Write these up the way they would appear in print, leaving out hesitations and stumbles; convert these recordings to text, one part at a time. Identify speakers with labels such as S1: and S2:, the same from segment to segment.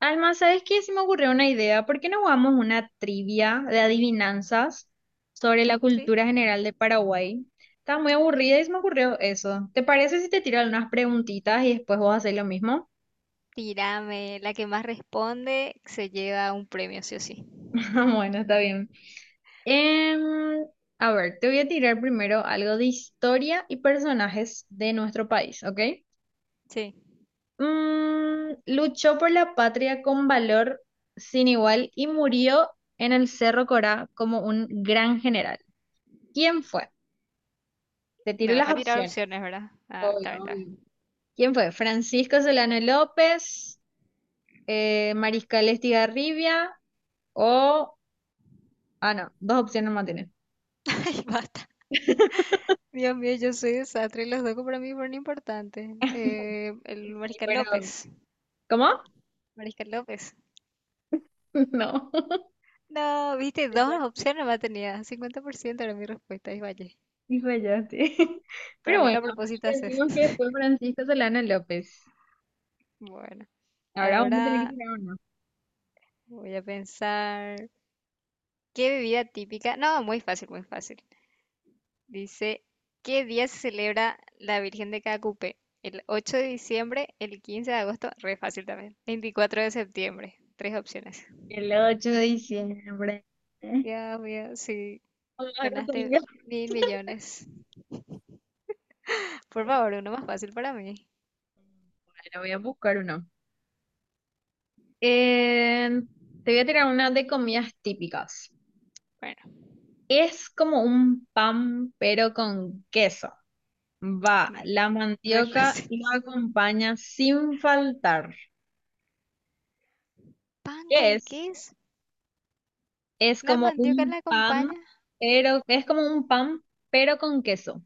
S1: Alma, ¿sabes qué? Se me ocurrió una idea. ¿Por qué no jugamos una trivia de adivinanzas sobre la
S2: Sí,
S1: cultura general de Paraguay? Estaba muy aburrida y se me ocurrió eso. ¿Te parece si te tiro algunas preguntitas y después vos haces lo mismo?
S2: tírame. La que más responde se lleva un premio, sí o sí.
S1: Bueno, está bien. Em, a ver, te voy a tirar primero algo de historia y personajes de nuestro país, ¿ok?
S2: Sí,
S1: Luchó por la patria con valor sin igual y murió en el Cerro Corá como un gran general. ¿Quién fue? Te tiro
S2: me vas
S1: las
S2: a tirar
S1: opciones.
S2: opciones, ¿verdad? Ah,
S1: Obvio,
S2: está bien, está
S1: obvio.
S2: bien.
S1: ¿Quién fue? Francisco Solano López, Mariscal Estigarribia o... Ah, no, dos opciones más tiene.
S2: Ay, basta. Dios mío, yo soy desastre. Los dos para mí fueron importantes. El
S1: Sí,
S2: Mariscal
S1: pero...
S2: López.
S1: ¿Cómo?
S2: Mariscal López.
S1: No.
S2: No, viste, dos
S1: Fallaste.
S2: opciones más tenía. 50% era mi respuesta. Y vaya.
S1: Sí, fallaste.
S2: Para
S1: Pero
S2: mí, ¿qué
S1: bueno,
S2: a propósito haces?
S1: decimos que fue Francisco Solano López.
S2: Bueno,
S1: Ahora vamos a tener que
S2: ahora
S1: tirar uno.
S2: voy a pensar. ¿Qué bebida típica? No, muy fácil, muy fácil. Dice, ¿qué día se celebra la Virgen de Cacupe? El 8 de diciembre, el 15 de agosto, re fácil también. 24 de septiembre, tres opciones.
S1: El 8 de diciembre. ¿Eh?
S2: Dios mío, sí,
S1: Vamos a
S2: ganaste
S1: Catalina.
S2: mil millones. Por favor, uno más fácil para mí.
S1: Bueno, voy a buscar uno. Eh, te voy a tirar una de comidas típicas.
S2: Bueno,
S1: Es como un pan, pero con queso. Va,
S2: mm,
S1: la
S2: re
S1: mandioca
S2: fácil.
S1: lo acompaña sin faltar.
S2: ¿Pan con
S1: ¿Qué es?
S2: queso?
S1: Es
S2: ¿La
S1: como
S2: mandioca
S1: un
S2: la
S1: pan,
S2: acompaña?
S1: pero es como un pan, pero con queso.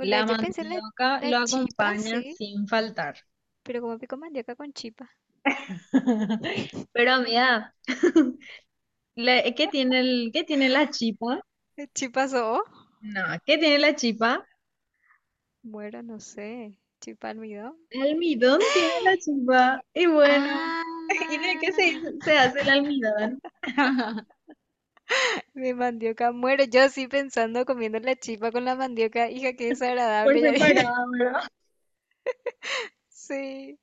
S1: La
S2: Yo pensé en
S1: mandioca
S2: la
S1: lo
S2: chipa,
S1: acompaña
S2: sí,
S1: sin faltar.
S2: pero como pico mandioca con chipa.
S1: Pero amiga, ¿Qué tiene la chipa?
S2: ¿Chipa o
S1: No, ¿qué tiene la chipa?
S2: bueno, no sé. ¿Chipa almidón?
S1: Almidón tiene la chipa. Y bueno.
S2: Ah,
S1: ¿Y de qué se hace el almidón?
S2: de mandioca muero. Yo así pensando comiendo la chipa con la mandioca. Hija, qué
S1: Por
S2: desagradable. Ya dije.
S1: separado, ¿verdad?
S2: Sí.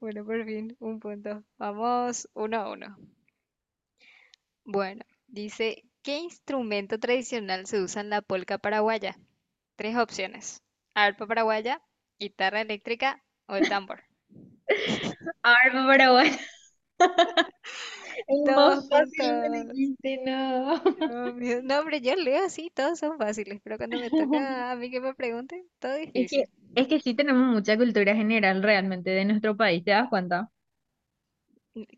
S2: Bueno, por fin, un punto. Vamos, uno a uno. Bueno, dice, ¿qué instrumento tradicional se usa en la polca paraguaya? Tres opciones. Arpa paraguaya, guitarra eléctrica o el tambor.
S1: Ay, no, pero bueno, es
S2: Dos
S1: más fácil me
S2: puntos.
S1: dijiste, no.
S2: Dios mío. No, hombre, yo leo así, todos son fáciles, pero cuando me toca a mí que me pregunten, todo
S1: es que,
S2: difícil.
S1: es que sí tenemos mucha cultura general realmente de nuestro país, ¿te das cuenta?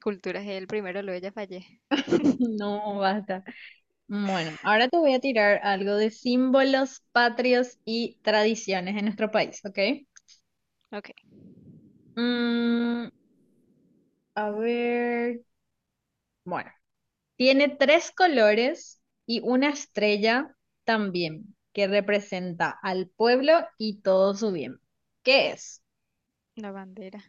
S2: Cultura es el primero, luego ya fallé.
S1: No, basta. Bueno, ahora te voy a tirar algo de símbolos patrios y tradiciones en nuestro país, ¿ok?
S2: Ok,
S1: Mm, a ver, bueno. Tiene tres colores y una estrella también, que representa al pueblo y todo su bien. ¿Qué es?
S2: la bandera.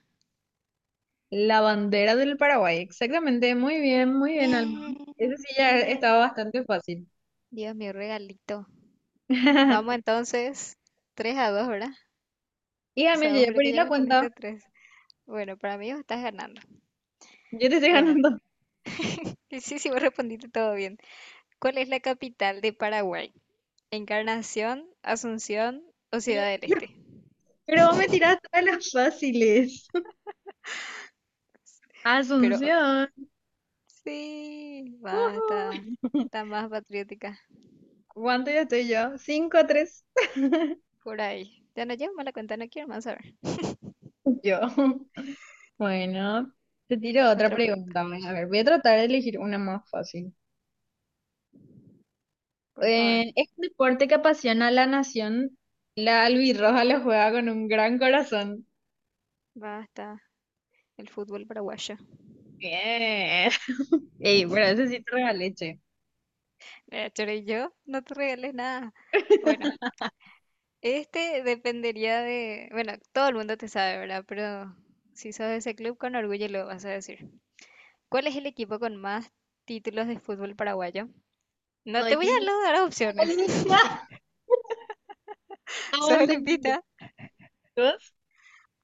S1: La bandera del Paraguay. Exactamente, muy bien, Alma.
S2: Bien,
S1: Ese sí ya
S2: bien, bien.
S1: estaba bastante fácil.
S2: Dios mío, regalito. Vamos entonces, 3 a dos, ¿verdad?
S1: Y
S2: O
S1: Amel,
S2: sea,
S1: yo
S2: vos
S1: ya
S2: creo que
S1: perdí
S2: ya
S1: la cuenta.
S2: respondiste tres. Bueno, para mí vos estás ganando.
S1: Yo te estoy
S2: Bueno,
S1: ganando.
S2: sí, sí, sí, vos respondiste todo bien. ¿Cuál es la capital de Paraguay? Encarnación, Asunción o Ciudad del Este.
S1: Pero vos me tirás todas las fáciles.
S2: Pero
S1: Asunción.
S2: sí, basta.
S1: Ujú.
S2: Está más patriótica.
S1: ¿Cuánto ya estoy yo? 5-3.
S2: Por ahí. Ya no llevo más la cuenta, no quiero más saber.
S1: Yo. Bueno, te tiro otra
S2: Otra pregunta,
S1: pregunta, pues. A ver, voy a tratar de elegir una más fácil.
S2: por favor.
S1: Es un deporte que apasiona a la nación. La albirroja lo juega con un gran corazón.
S2: Basta. El fútbol paraguayo.
S1: Bien. Ey, por ese sí te regalé, che.
S2: Pero yo no te regalé nada. Bueno, este dependería de, bueno, todo el mundo te sabe, ¿verdad? Pero si sos de ese club, con orgullo lo vas a decir. ¿Cuál es el equipo con más títulos de fútbol paraguayo? No te voy a dar opciones.
S1: Olivia,
S2: Sos
S1: abandoné,
S2: olimpista,
S1: chicos.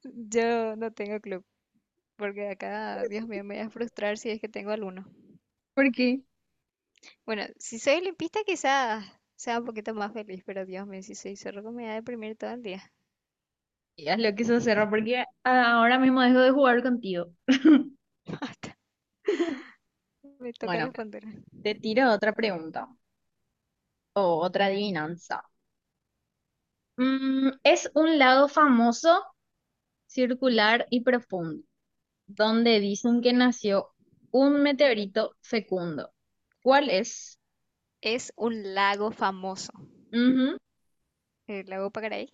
S2: yo no tengo club. Porque acá, Dios mío, me voy a frustrar si es que tengo alguno.
S1: ¿Por qué?
S2: Bueno, si soy olimpista, quizás sea un poquito más feliz, pero Dios mío, si soy zorro, me voy a deprimir todo el día.
S1: Ya lo quiso cerrar porque ahora mismo dejo de jugar contigo.
S2: Basta, me toca
S1: Bueno,
S2: responder.
S1: te tiro otra pregunta o otra adivinanza. Es un lago famoso circular y profundo, donde dicen que nació un meteorito fecundo. ¿Cuál es?
S2: Es un lago famoso,
S1: Ujú.
S2: el lago Pacaraí.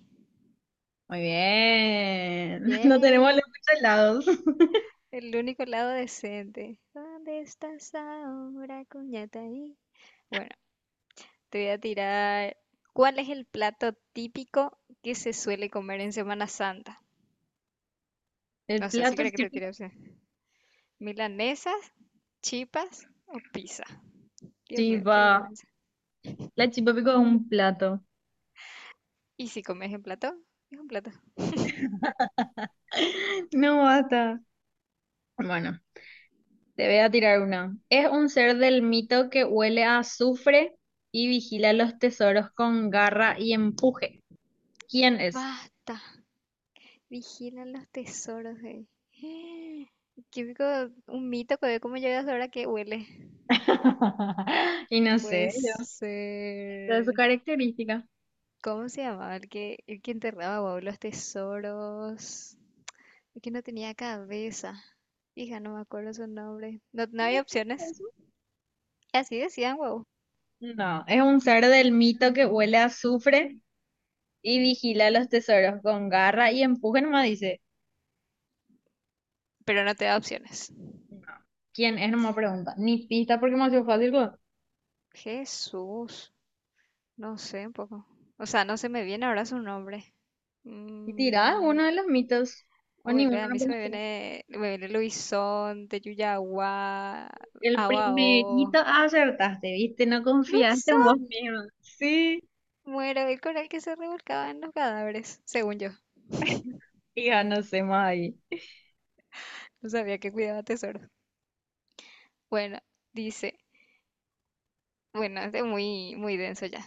S1: Muy bien. No tenemos
S2: Bien,
S1: los muchos lados.
S2: el único lago decente. ¿Dónde estás ahora, ahí? Bueno, te voy a tirar. ¿Cuál es el plato típico que se suele comer en Semana Santa?
S1: El
S2: No sé si
S1: plato
S2: crees que te
S1: típico.
S2: tire opción. ¿Milanesas, chipas o pizza? Dios mío, qué
S1: Chipa.
S2: vergüenza.
S1: La chipa pico es un plato.
S2: ¿Y si comes en plato? Es un plato.
S1: No basta. Bueno, te voy a tirar una. Es un ser del mito que huele a azufre y vigila los tesoros con garra y empuje. ¿Quién es?
S2: Basta. Vigilan los tesoros, güey. Típico, un mito, güey. ¿Cómo llegas ahora que huele?
S1: Y no
S2: Puede
S1: sé, yo. Esa es su
S2: ser.
S1: característica.
S2: ¿Cómo se llamaba? El que enterraba, wow, los tesoros. El que no tenía cabeza. Hija, no me acuerdo su nombre. No, no había opciones. Así decían, wow.
S1: No, es un ser del mito que huele a azufre y vigila los tesoros con garra y empuje nomás dice.
S2: Pero no te da opciones.
S1: No, ¿quién es? No me pregunta. Ni pista porque me ha sido fácil, güey.
S2: Jesús. No sé un poco. O sea, no se me viene ahora su nombre.
S1: Y tirá
S2: Mm,
S1: uno de los mitos. O
S2: Bueno,
S1: ninguno
S2: a
S1: no
S2: mí se
S1: conoces.
S2: me viene Luisón de Yuyagua
S1: El primerito,
S2: Abao.
S1: ah, acertaste, ¿viste? No confiaste en
S2: Luisón,
S1: vos mismo. Sí,
S2: muero, el coral que se revolcaba en los cadáveres, según yo.
S1: y ya no sé más ahí.
S2: No sabía que cuidaba tesoros. Bueno, dice, bueno, es de muy, muy denso ya.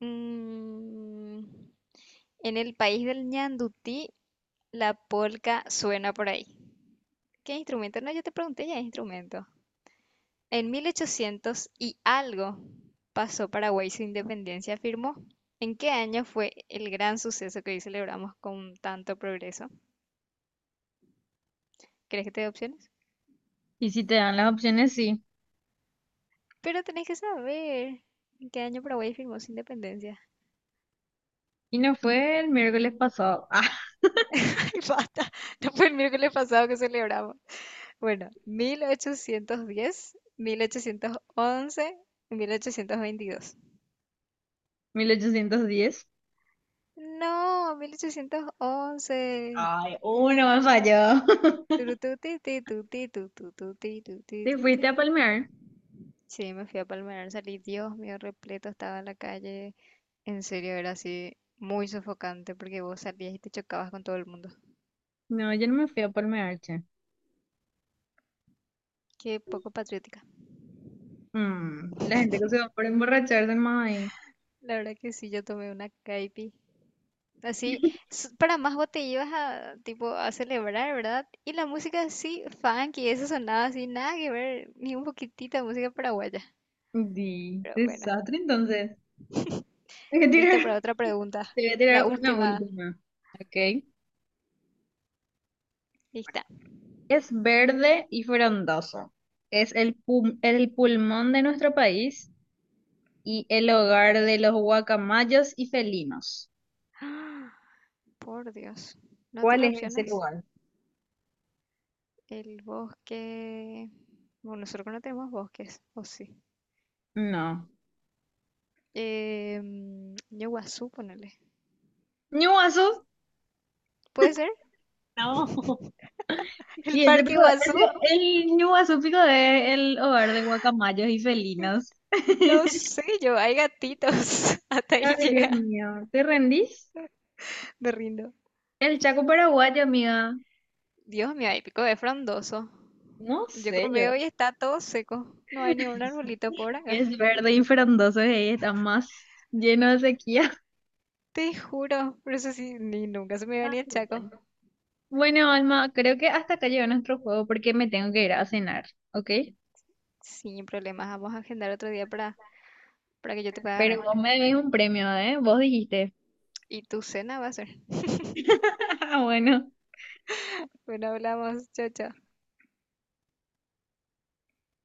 S2: Mm, en el país del ñandutí, la polca suena por ahí. ¿Qué instrumento? No, yo te pregunté ya, instrumento. En 1800 y algo pasó Paraguay su independencia, afirmó. ¿En qué año fue el gran suceso que hoy celebramos con tanto progreso? ¿Crees que te dé opciones?
S1: Y si te dan las opciones, sí.
S2: Pero tenés que saber en qué año Paraguay firmó su independencia.
S1: Y no fue el miércoles pasado. Ah,
S2: Ay, basta. No fue el miércoles pasado que celebramos. Bueno, 1810, 1811, 1822.
S1: 1810.
S2: No, 1811.
S1: Ay, uno me falló. Te
S2: Turututitutitututitutituti.
S1: fuiste a palmear.
S2: Sí, me fui a Palmerar, salí, Dios mío, repleto, estaba en la calle. En serio, era así muy sofocante porque vos salías y te chocabas con todo el mundo.
S1: No, yo no me fui a palmearche.
S2: Qué poco patriótica.
S1: Mm, la gente que se va por emborracharse, mae.
S2: La verdad que sí, yo tomé una caipi. Así, para más vos te ibas a, tipo, a celebrar, ¿verdad? Y la música así, funky, eso sonaba así, nada que ver, ni un poquitito de música paraguaya.
S1: Di,
S2: Pero bueno,
S1: desastre, entonces. Hay que
S2: lista
S1: tirar,
S2: para otra pregunta.
S1: te voy a
S2: La
S1: tirar una
S2: última,
S1: última. Ok.
S2: lista.
S1: Es verde y frondoso. Es el pulmón de nuestro país y el hogar de los guacamayos y felinos.
S2: Por Dios, no
S1: ¿Cuál
S2: tira
S1: es ese
S2: opciones.
S1: lugar?
S2: El bosque. Bueno, nosotros no tenemos bosques, o sí.
S1: No.
S2: Eh, yo Guazú, ponele.
S1: ¿Ñuazú?
S2: ¿Puede ser?
S1: No.
S2: ¿El
S1: Y ese
S2: parque
S1: pico,
S2: Guazú?
S1: ese- el Ñuazú pico es el hogar de guacamayos y felinos.
S2: No sé yo, hay gatitos. Hasta ahí
S1: Ay, Dios
S2: llega.
S1: mío. ¿Te rendís?
S2: Me rindo.
S1: El Chaco paraguayo, amiga.
S2: Dios mío, hay pico de frondoso.
S1: No sé yo.
S2: Veo y está todo seco. No hay ni un arbolito por acá.
S1: Es verde y frondoso y está más lleno de sequía.
S2: Te juro. Por eso sí, ni nunca se me iba
S1: Ah,
S2: ni el
S1: sí, ya
S2: chaco.
S1: no. Bueno, Alma, creo que hasta acá llegó nuestro juego porque me tengo que ir a cenar, ¿ok?
S2: Sin problemas, vamos a agendar otro día para que yo te pueda ganar.
S1: Pero vos me debes un premio, ¿eh? Vos dijiste.
S2: Y tu cena va a ser.
S1: Ah, bueno.
S2: Bueno, hablamos. Chao, chao.